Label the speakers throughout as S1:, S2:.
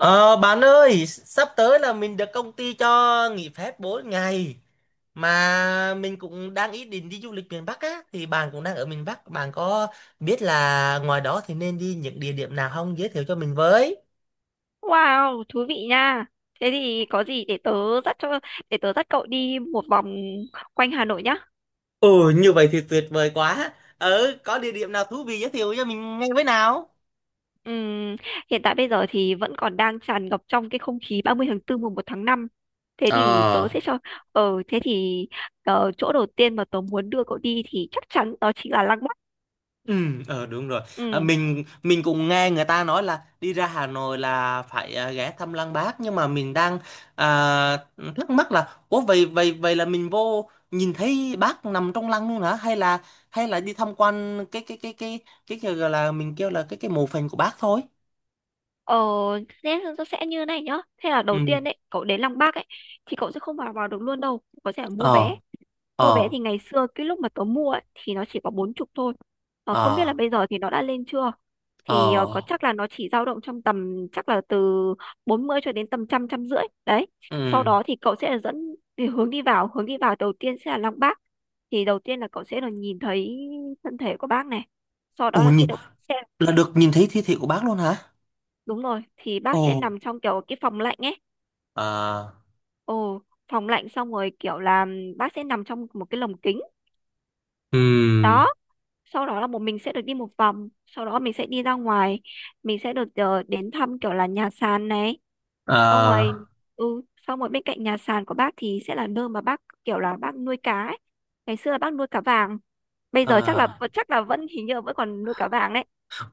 S1: Ờ, bạn ơi, sắp tới là mình được công ty cho nghỉ phép 4 ngày mà mình cũng đang ý định đi du lịch miền Bắc á. Thì bạn cũng đang ở miền Bắc, bạn có biết là ngoài đó thì nên đi những địa điểm nào không, giới thiệu cho mình với?
S2: Wow, thú vị nha. Thế thì có gì để tớ dắt cho để tớ dắt cậu đi một vòng quanh Hà Nội nhá.
S1: Ừ, như vậy thì tuyệt vời quá. Ờ, có địa điểm nào thú vị giới thiệu cho mình ngay với nào?
S2: Ừm, Hiện tại bây giờ thì vẫn còn đang tràn ngập trong cái không khí 30 tháng 4 1 tháng 5. Thế thì tớ sẽ cho ờ thế thì ờ, Chỗ đầu tiên mà tớ muốn đưa cậu đi thì chắc chắn đó chính là Lăng Bác.
S1: Ừ, đúng rồi. À,
S2: Ừm.
S1: mình cũng nghe người ta nói là đi ra Hà Nội là phải ghé thăm Lăng Bác, nhưng mà mình đang à, thắc mắc là ủa, vậy vậy vậy là mình vô nhìn thấy bác nằm trong lăng luôn hả, hay là đi tham quan cái gọi là mình kêu là cái mộ phần của bác thôi.
S2: Ờ Thế nó sẽ như này nhá. Thế là đầu
S1: Ừ.
S2: tiên đấy, cậu đến Lăng Bác ấy thì cậu sẽ không vào vào được luôn đâu, có thể là mua vé.
S1: Ờ,
S2: Mua vé
S1: ờ,
S2: thì ngày xưa cái lúc mà tớ mua ấy, thì nó chỉ có 40 thôi. Ờ, không biết là
S1: ờ,
S2: bây giờ thì nó đã lên chưa. Thì
S1: ờ,
S2: có chắc là nó chỉ dao động trong tầm chắc là từ 40 cho đến tầm trăm trăm rưỡi. Đấy. Sau
S1: ừ.
S2: đó thì cậu sẽ là dẫn thì hướng đi vào đầu tiên sẽ là Lăng Bác. Thì đầu tiên là cậu sẽ được nhìn thấy thân thể của bác này. Sau đó
S1: Ủa
S2: là sẽ
S1: nhìn,
S2: được xem.
S1: là được nhìn thấy thi thể của bác luôn hả?
S2: Đúng rồi, thì
S1: Ồ.
S2: bác sẽ nằm trong kiểu cái phòng lạnh ấy.
S1: À.
S2: Ồ, phòng lạnh xong rồi kiểu là bác sẽ nằm trong một cái lồng kính.
S1: Ừ.
S2: Đó, sau đó là bọn mình sẽ được đi một vòng, sau đó mình sẽ đi ra ngoài, mình sẽ được đến thăm kiểu là nhà sàn này, xong rồi
S1: À.
S2: ừ xong rồi bên cạnh nhà sàn của bác thì sẽ là nơi mà bác kiểu là bác nuôi cá ấy. Ngày xưa là bác nuôi cá vàng, bây giờ chắc là
S1: À.
S2: chắc là vẫn hình như là vẫn còn nuôi cá vàng đấy,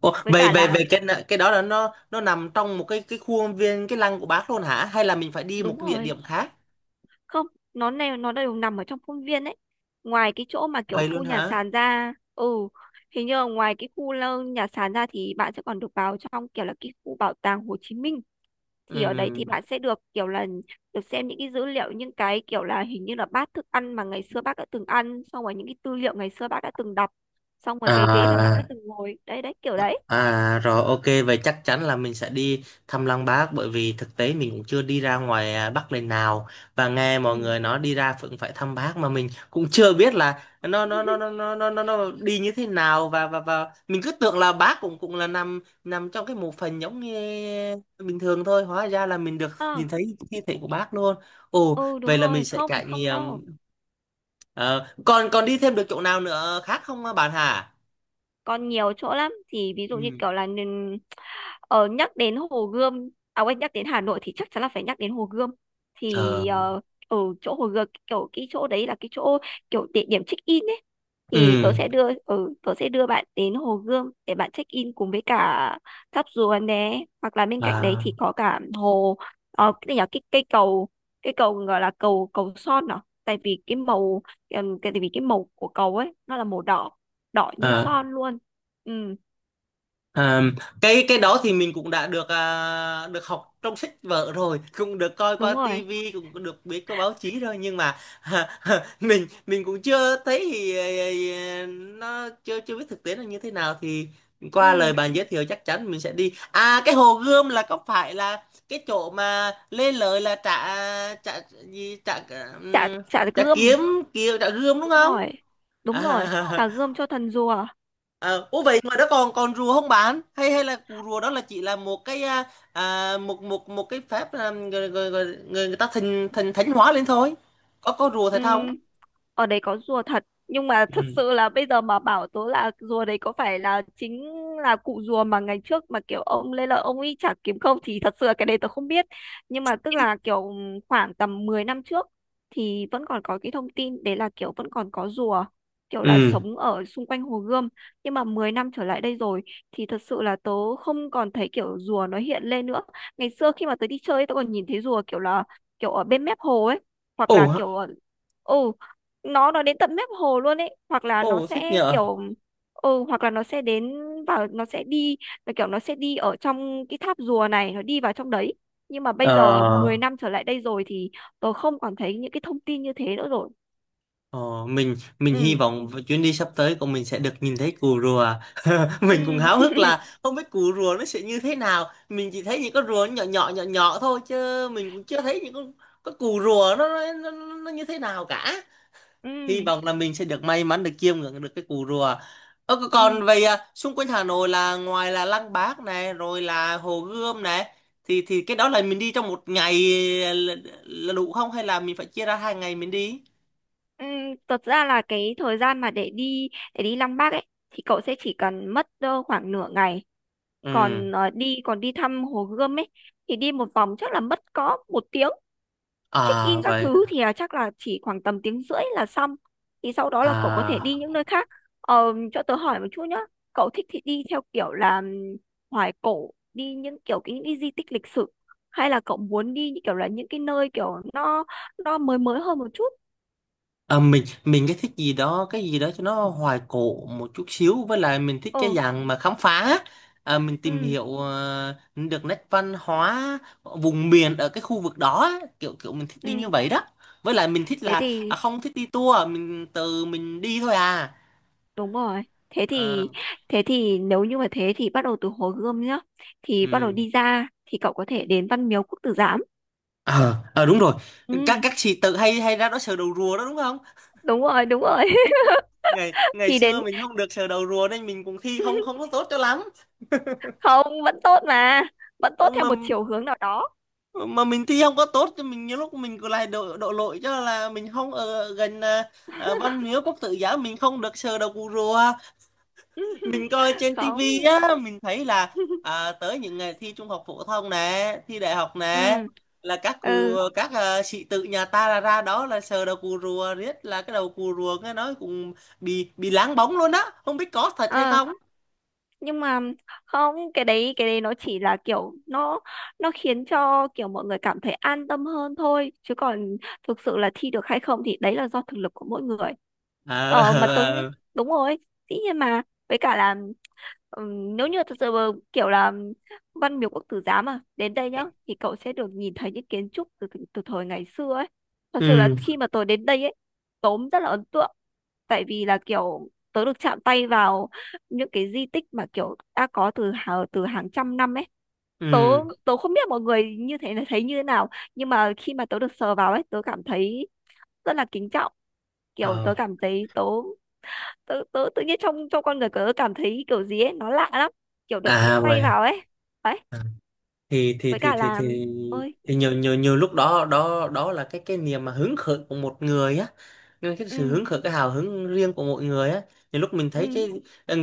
S1: Ồ,
S2: với
S1: về
S2: cả
S1: về
S2: là
S1: về cái đó là nó nằm trong một cái khuôn viên cái lăng của bác luôn hả? Hay là mình phải đi một
S2: đúng
S1: cái địa
S2: rồi,
S1: điểm khác?
S2: không, nó này nó đều nằm ở trong khuôn viên đấy, ngoài cái chỗ mà kiểu
S1: Vậy luôn
S2: khu nhà
S1: hả?
S2: sàn ra. Ừ Hình như là ngoài cái khu nhà sàn ra thì bạn sẽ còn được vào trong kiểu là cái khu bảo tàng Hồ Chí Minh. Thì ở đấy thì
S1: Ừ.
S2: bạn sẽ được kiểu là được xem những cái dữ liệu, những cái kiểu là hình như là bát thức ăn mà ngày xưa bác đã từng ăn, xong rồi những cái tư liệu ngày xưa bác đã từng đọc, xong rồi cái ghế mà bác đã
S1: À.
S2: từng ngồi, đấy, đấy kiểu đấy.
S1: À rồi, ok, vậy chắc chắn là mình sẽ đi thăm Lăng Bác, bởi vì thực tế mình cũng chưa đi ra ngoài Bắc lần nào, và nghe
S2: Ừ
S1: mọi người nói đi ra cũng phải thăm Bác mà mình cũng chưa biết là nó nó nó nó nó nó nó nó đi như thế nào. Và mình cứ tưởng là Bác cũng cũng là nằm nằm trong cái mộ phần giống như bình thường thôi, hóa ra là mình được
S2: ờ
S1: nhìn thấy thi thể của Bác luôn. Ồ,
S2: ừ Đúng
S1: vậy là mình
S2: rồi,
S1: sẽ
S2: không
S1: trải
S2: không
S1: nghiệm.
S2: đâu.
S1: Ờ, còn còn đi thêm được chỗ nào nữa khác không bạn hả?
S2: Còn nhiều chỗ lắm, thì ví dụ như
S1: Ừ.
S2: kiểu là ờ, nhắc đến Hồ Gươm, à quên, nhắc đến Hà Nội thì chắc chắn là phải nhắc đến Hồ Gươm.
S1: Ờ.
S2: Thì ở chỗ Hồ Gươm kiểu cái chỗ đấy là cái chỗ kiểu địa điểm check in ấy. Thì tớ
S1: Ừ.
S2: sẽ đưa tớ sẽ đưa bạn đến Hồ Gươm để bạn check in cùng với cả tháp Rùa né, hoặc là bên cạnh đấy
S1: À.
S2: thì có cả hồ, cái nhỏ, cái cây cầu, cái cầu gọi là cầu cầu son à. Tại vì cái màu cái tại vì cái màu của cầu ấy nó là màu đỏ, đỏ như
S1: À,
S2: son luôn. Ừ,
S1: à, cái đó thì mình cũng đã được được học trong sách vở rồi, cũng được coi qua
S2: đúng rồi.
S1: tivi, cũng được biết qua báo chí rồi, nhưng mà mình cũng chưa thấy thì à, nó chưa chưa biết thực tế là như thế nào. Thì qua lời
S2: Ừ.
S1: bạn giới thiệu, chắc chắn mình sẽ đi. À, cái Hồ Gươm là có phải là cái chỗ mà lên lời là trả trả gì trả
S2: chả
S1: ừm,
S2: Chả
S1: trả
S2: gươm.
S1: kiếm kiếm trả gươm đúng
S2: Đúng
S1: không?
S2: rồi, đúng rồi,
S1: À.
S2: chả gươm cho thần rùa.
S1: Ờ, ủa vậy ngoài đó còn còn rùa không bạn, hay hay là cù rùa đó là chỉ là một cái một một một cái phép người, người, người, người người ta thành thành thánh hóa lên thôi, có rùa thật không?
S2: Ừm, Ở đấy có rùa thật, nhưng mà thật
S1: Ừ.
S2: sự là bây giờ mà bảo tớ là rùa đấy có phải là chính là cụ rùa mà ngày trước mà kiểu ông Lê Lợi ông ấy chả kiếm không thì thật sự là cái đấy tớ không biết. Nhưng mà tức là kiểu khoảng tầm 10 năm trước thì vẫn còn có cái thông tin đấy là kiểu vẫn còn có rùa kiểu
S1: Ừ.
S2: là sống ở xung quanh Hồ Gươm. Nhưng mà 10 năm trở lại đây rồi thì thật sự là tớ không còn thấy kiểu rùa nó hiện lên nữa. Ngày xưa khi mà tớ đi chơi tớ còn nhìn thấy rùa kiểu là kiểu ở bên mép hồ ấy, hoặc
S1: Ồ,
S2: là kiểu ở ừ nó đến tận mép hồ luôn ấy, hoặc là nó
S1: ồ, thích
S2: sẽ
S1: nhờ.
S2: kiểu hoặc là nó sẽ vào, nó sẽ đi, là kiểu nó sẽ đi ở trong cái tháp rùa này, nó đi vào trong đấy. Nhưng mà bây
S1: ờ
S2: giờ 10 năm trở lại đây rồi thì tôi không còn thấy những cái thông tin như thế nữa rồi.
S1: ờ, mình
S2: Ừ
S1: hy vọng chuyến đi sắp tới của mình sẽ được nhìn thấy cù rùa.
S2: ừ
S1: Mình cũng háo hức là không biết cù rùa nó sẽ như thế nào, mình chỉ thấy những con rùa nhỏ nhỏ nhỏ nhỏ thôi, chứ mình cũng chưa thấy những con cù rùa nó nó như thế nào cả. Hy
S2: ừ
S1: vọng là mình sẽ được may mắn được chiêm ngưỡng được cái cù rùa. Ơ,
S2: ừ
S1: còn về xung quanh Hà Nội, là ngoài là Lăng Bác này rồi là Hồ Gươm này, thì cái đó là mình đi trong một ngày là, là đủ không, hay là mình phải chia ra 2 ngày mình đi?
S2: ừ Thật ra là cái thời gian mà để đi, để đi Lăng Bác ấy thì cậu sẽ chỉ cần mất khoảng nửa ngày.
S1: Ừ.
S2: Còn ờ, đi còn đi thăm Hồ Gươm ấy thì đi một vòng chắc là mất có 1 tiếng, check
S1: À
S2: in các
S1: vậy.
S2: thứ thì chắc là chỉ khoảng tầm tiếng rưỡi là xong. Thì sau đó là cậu có thể đi
S1: À
S2: những nơi khác. Cho tớ hỏi một chút nhá. Cậu thích thì đi theo kiểu là hoài cổ, đi những kiểu những cái di tích lịch sử, hay là cậu muốn đi như kiểu là những cái nơi kiểu nó mới mới hơn một chút.
S1: À, mình thích gì đó, cái gì đó cho nó hoài cổ một chút xíu, với lại mình thích
S2: Ờ
S1: cái dạng mà khám phá, mình tìm
S2: ừ
S1: hiểu được nét văn hóa vùng miền ở cái khu vực đó á. Kiểu kiểu mình thích đi như
S2: ừ
S1: vậy đó. Với lại mình thích
S2: thế
S1: là
S2: thì
S1: không thích đi tour, mình tự mình đi thôi à.
S2: đúng rồi, thế
S1: Ờ,
S2: thì thế thì nếu như mà thế thì bắt đầu từ Hồ Gươm nhá. Thì bắt đầu
S1: ừ.
S2: đi ra thì cậu có thể đến Văn Miếu Quốc Tử Giám.
S1: Ờ, đúng rồi. các
S2: Ừ.
S1: các sĩ tử hay hay ra đó sờ đầu rùa đó đúng không?
S2: Đúng rồi, đúng rồi.
S1: ngày ngày
S2: thì
S1: xưa
S2: đến
S1: mình không được sờ đầu rùa nên mình cũng thi không không có tốt cho lắm.
S2: Không, vẫn tốt mà, vẫn
S1: Ờ,
S2: tốt theo
S1: mà
S2: một chiều hướng nào đó.
S1: mình thi không có tốt thì mình nhiều lúc mình cứ lại đổ đổ lỗi cho là mình không ở gần Văn Miếu Quốc Tử Giám, mình không được sờ đầu cụ rùa. Mình coi trên
S2: Không.
S1: tivi á, mình thấy là tới những ngày thi trung học phổ thông nè, thi đại học nè,
S2: ừ
S1: là các cụ,
S2: ừ
S1: các sĩ tử nhà ta là ra đó là sờ đầu cụ rùa riết là cái đầu cụ rùa nghe nói cũng bị láng bóng luôn á, không biết có thật hay
S2: ờ
S1: không.
S2: nhưng mà không, cái đấy cái đấy nó chỉ là kiểu nó khiến cho kiểu mọi người cảm thấy an tâm hơn thôi, chứ còn thực sự là thi được hay không thì đấy là do thực lực của mỗi người.
S1: Ờ, ờ,
S2: Mà tớ nghĩ
S1: ờ.
S2: đúng rồi, dĩ nhiên mà, với cả là Ừ, nếu như thật sự mà kiểu là văn miếu quốc tử giám mà đến đây nhá thì cậu sẽ được nhìn thấy những kiến trúc từ từ từ thời ngày xưa ấy. Thật sự là
S1: Ừ.
S2: khi mà tớ đến đây ấy tớ cũng rất là ấn tượng, tại vì là kiểu tớ được chạm tay vào những cái di tích mà kiểu đã có từ hàng trăm năm ấy. Tớ
S1: Ừ.
S2: Tớ không biết mọi người như thế là thấy như thế nào, nhưng mà khi mà tớ được sờ vào ấy tớ cảm thấy rất là kính trọng, kiểu
S1: Ờ.
S2: tớ cảm thấy tớ tớ tớ tự nhiên trong trong con người tớ cảm thấy kiểu gì ấy nó lạ lắm, kiểu đợt úp
S1: À
S2: tay
S1: vậy.
S2: vào ấy. Đấy,
S1: Thì
S2: với cả là ơi
S1: thì nhiều nhiều nhiều lúc đó đó đó là cái niềm mà hứng khởi của một người á, nhưng cái sự
S2: ừ
S1: hứng khởi, cái hào hứng riêng của mỗi người á. Nhiều lúc mình
S2: ừ
S1: thấy cái,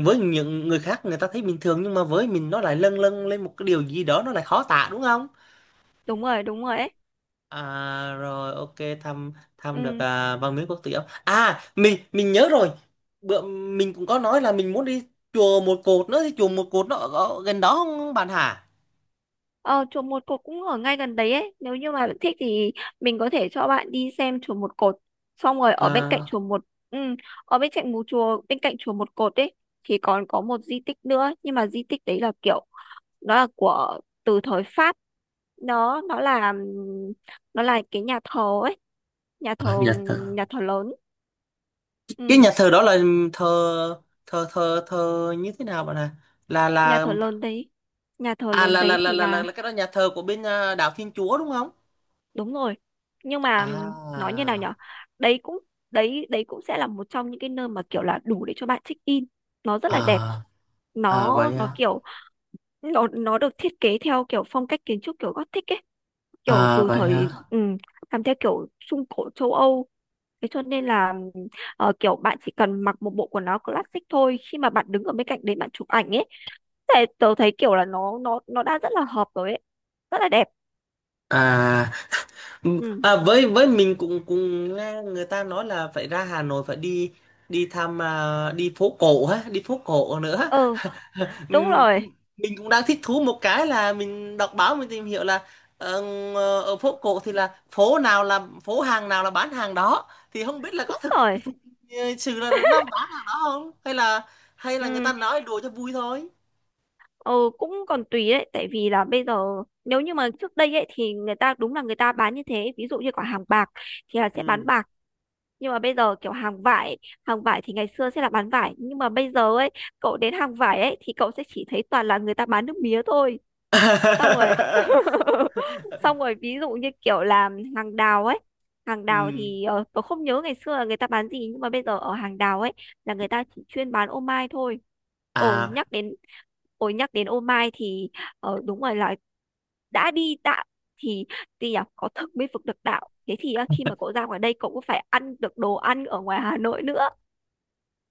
S1: với những người khác người ta thấy bình thường, nhưng mà với mình nó lại lâng lâng lên một cái điều gì đó, nó lại khó tả đúng không?
S2: đúng rồi, đúng rồi ấy.
S1: À rồi, ok. thăm Thăm được
S2: ừ
S1: Văn Miếu Quốc Tử Giám, à mình nhớ rồi. Bữa mình cũng có nói là mình muốn đi Chùa Một Cột nữa, thì Chùa Một Cột nó ở, ở gần đó không bạn hả?
S2: ờ, chùa một cột cũng ở ngay gần đấy ấy, nếu như mà bạn thích thì mình có thể cho bạn đi xem chùa một cột, xong rồi ở bên cạnh
S1: À.
S2: chùa một ừ ở bên cạnh một chùa bên cạnh chùa một cột ấy thì còn có một di tích nữa, nhưng mà di tích đấy là kiểu nó là của từ thời Pháp. nó nó là nó là cái nhà thờ ấy, nhà thờ
S1: À. Dạ.
S2: nhà thờ lớn.
S1: Cái
S2: Ừ,
S1: nhà thờ đó là thờ thờ thờ như thế nào bạn à,
S2: nhà
S1: là
S2: thờ lớn đấy,
S1: à
S2: thì
S1: là
S2: là
S1: cái đó, nhà thờ của bên đạo Thiên Chúa đúng không?
S2: đúng rồi. Nhưng mà nói như nào
S1: À.
S2: nhở, đấy cũng đấy đấy cũng sẽ là một trong những cái nơi mà kiểu là đủ để cho bạn check in. Nó rất là đẹp,
S1: À. À
S2: nó
S1: vậy
S2: nó
S1: à.
S2: kiểu nó được thiết kế theo kiểu phong cách kiến trúc kiểu Gothic ấy, kiểu
S1: À
S2: từ
S1: vậy à.
S2: thời làm theo kiểu Trung Cổ châu Âu. Thế cho nên là kiểu bạn chỉ cần mặc một bộ quần áo classic thôi, khi mà bạn đứng ở bên cạnh đấy bạn chụp ảnh ấy, thế tớ thấy kiểu là nó đã rất là hợp rồi ấy. Rất là đẹp.
S1: À. Ừ.
S2: Ừ
S1: À, với mình cũng cũng nghe người ta nói là phải ra Hà Nội phải đi, đi thăm đi phố cổ ha, đi phố cổ nữa.
S2: Ừ,
S1: Ừ,
S2: đúng rồi,
S1: mình cũng đang thích thú một cái là mình đọc báo mình tìm hiểu là ờ, ở phố cổ thì là phố nào, là phố hàng nào là bán hàng đó, thì không biết là
S2: đúng
S1: có thực
S2: rồi.
S1: thực sự là nó bán hàng đó không, hay là người ta
S2: Ừ,
S1: nói đùa cho vui thôi.
S2: ừ, cũng còn tùy đấy, tại vì là bây giờ nếu như mà trước đây ấy thì người ta đúng là người ta bán như thế, ví dụ như quả hàng bạc thì là sẽ bán
S1: Ừ.
S2: bạc, nhưng mà bây giờ kiểu hàng vải thì ngày xưa sẽ là bán vải, nhưng mà bây giờ ấy, cậu đến hàng vải ấy thì cậu sẽ chỉ thấy toàn là người ta bán nước mía thôi. Xong rồi xong rồi ví dụ như kiểu làm hàng đào ấy, hàng
S1: Ừ.
S2: đào thì tôi không nhớ ngày xưa là người ta bán gì, nhưng mà bây giờ ở hàng đào ấy là người ta chỉ chuyên bán ô mai thôi. ồ
S1: À.
S2: nhắc đến Ồ nhắc đến ô mai thì đúng rồi, là đã đi đạo thì thì nhỉ có thực mới vực được đạo. Thế thì khi mà cậu ra ngoài đây cậu cũng phải ăn được đồ ăn ở ngoài Hà Nội nữa.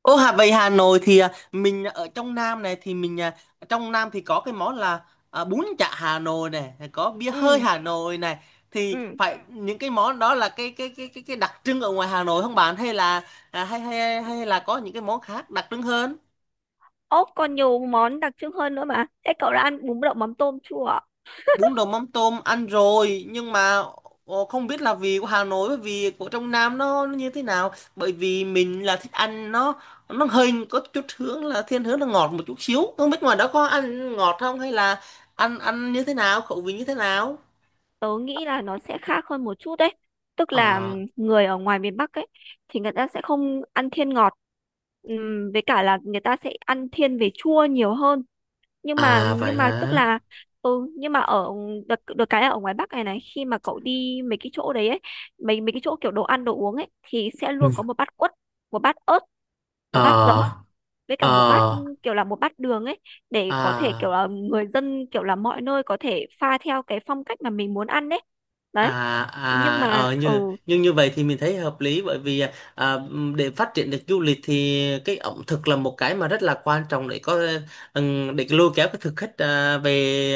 S1: Ô, về Hà Nội thì mình ở trong Nam này thì mình trong Nam thì có cái món là bún chả Hà Nội này, rồi có bia hơi
S2: Ừ
S1: Hà Nội này, thì
S2: ừ
S1: phải những cái món đó là cái đặc trưng ở ngoài Hà Nội không bạn, hay là à, hay, hay hay là có những cái món khác đặc trưng hơn?
S2: Ốc, còn nhiều món đặc trưng hơn nữa mà, thế cậu đã ăn bún đậu mắm tôm chưa?
S1: Bún đậu mắm tôm ăn rồi, nhưng mà không biết là vị của Hà Nội với vị của trong Nam nó như thế nào. Bởi vì mình là thích ăn nó hơi có chút hướng là thiên hướng là ngọt một chút xíu, không biết ngoài đó có ăn ngọt không hay là ăn ăn như thế nào, khẩu vị như thế nào.
S2: Tớ nghĩ là nó sẽ khác hơn một chút đấy, tức là
S1: Ờ,
S2: người ở ngoài miền Bắc ấy thì người ta sẽ không ăn thiên ngọt. Với cả là người ta sẽ ăn thiên về chua nhiều hơn. nhưng mà
S1: à vậy
S2: nhưng mà tức
S1: hả?
S2: là ừ, nhưng mà ở được, được cái là ở ngoài Bắc này này, khi mà cậu đi mấy cái chỗ đấy ấy, mấy mấy cái chỗ kiểu đồ ăn đồ uống ấy thì sẽ
S1: Ừ.
S2: luôn có một bát quất, một bát ớt, một bát giấm,
S1: Ờ,
S2: với cả một bát
S1: ờ,
S2: kiểu là một bát đường ấy, để có thể kiểu
S1: à.
S2: là người dân kiểu là mọi nơi có thể pha theo cái phong cách mà mình muốn ăn đấy.
S1: À.
S2: Đấy. Nhưng mà ừ
S1: Nhưng như vậy thì mình thấy hợp lý, bởi vì à, để phát triển được du lịch thì cái ẩm thực là một cái mà rất là quan trọng để có để lôi kéo cái thực khách về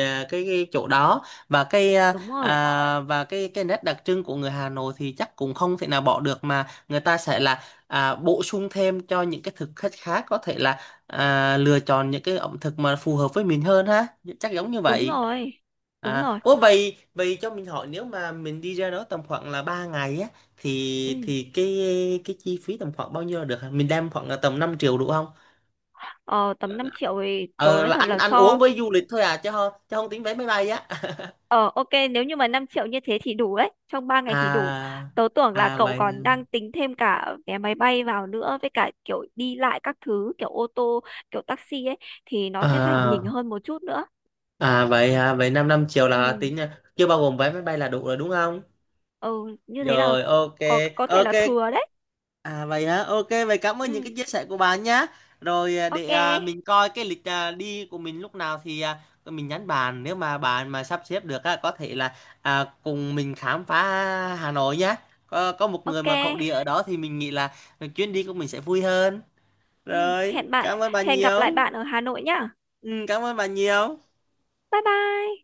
S1: cái chỗ đó. Và cái
S2: đúng rồi,
S1: và cái nét đặc trưng của người Hà Nội thì chắc cũng không thể nào bỏ được, mà người ta sẽ là bổ sung thêm cho những cái thực khách khác, có thể là lựa chọn những cái ẩm thực mà phù hợp với mình hơn ha, chắc giống như
S2: đúng
S1: vậy.
S2: rồi, đúng
S1: À,
S2: rồi.
S1: ủa vậy, cho mình hỏi, nếu mà mình đi ra đó tầm khoảng là 3 ngày á, thì
S2: Ừ.
S1: cái chi phí tầm khoảng bao nhiêu là được hả? Mình đem khoảng là tầm 5 triệu đủ không?
S2: ờ, Tầm 5 triệu thì tớ
S1: Ờ,
S2: nói
S1: là
S2: thật
S1: ăn
S2: là
S1: ăn uống
S2: so
S1: với du lịch thôi à, chứ không, chứ không tính vé máy bay á.
S2: ờ ok, nếu như mà 5 triệu như thế thì đủ đấy, trong 3 ngày thì đủ.
S1: À.
S2: Tớ tưởng là
S1: À
S2: cậu
S1: vậy.
S2: còn đang tính thêm cả vé máy bay vào nữa, với cả kiểu đi lại các thứ kiểu ô tô kiểu taxi ấy, thì nó sẽ phải nhỉnh
S1: À
S2: hơn một chút nữa.
S1: à, vậy 5 5 triệu là
S2: Ừ
S1: tính chưa bao gồm vé máy bay là đủ rồi đúng không?
S2: ừ Như thế là
S1: Rồi,
S2: cũng
S1: ok.
S2: có thể
S1: Ok.
S2: là thừa đấy.
S1: À vậy hả, ok, vậy cảm ơn những
S2: Ừ
S1: cái chia sẻ của bạn nhá. Rồi, để
S2: ok
S1: mình coi cái lịch đi của mình lúc nào thì mình nhắn bạn. Nếu mà bạn mà sắp xếp được á, có thể là cùng mình khám phá Hà Nội nhá. Có một người
S2: ok
S1: mà thổ địa ở đó thì mình nghĩ là chuyến đi của mình sẽ vui hơn.
S2: ừ
S1: Rồi,
S2: Hẹn bạn,
S1: cảm ơn bạn
S2: hẹn gặp
S1: nhiều.
S2: lại bạn ở Hà Nội nhá.
S1: Ừ, cảm ơn bạn nhiều.
S2: Bye bye.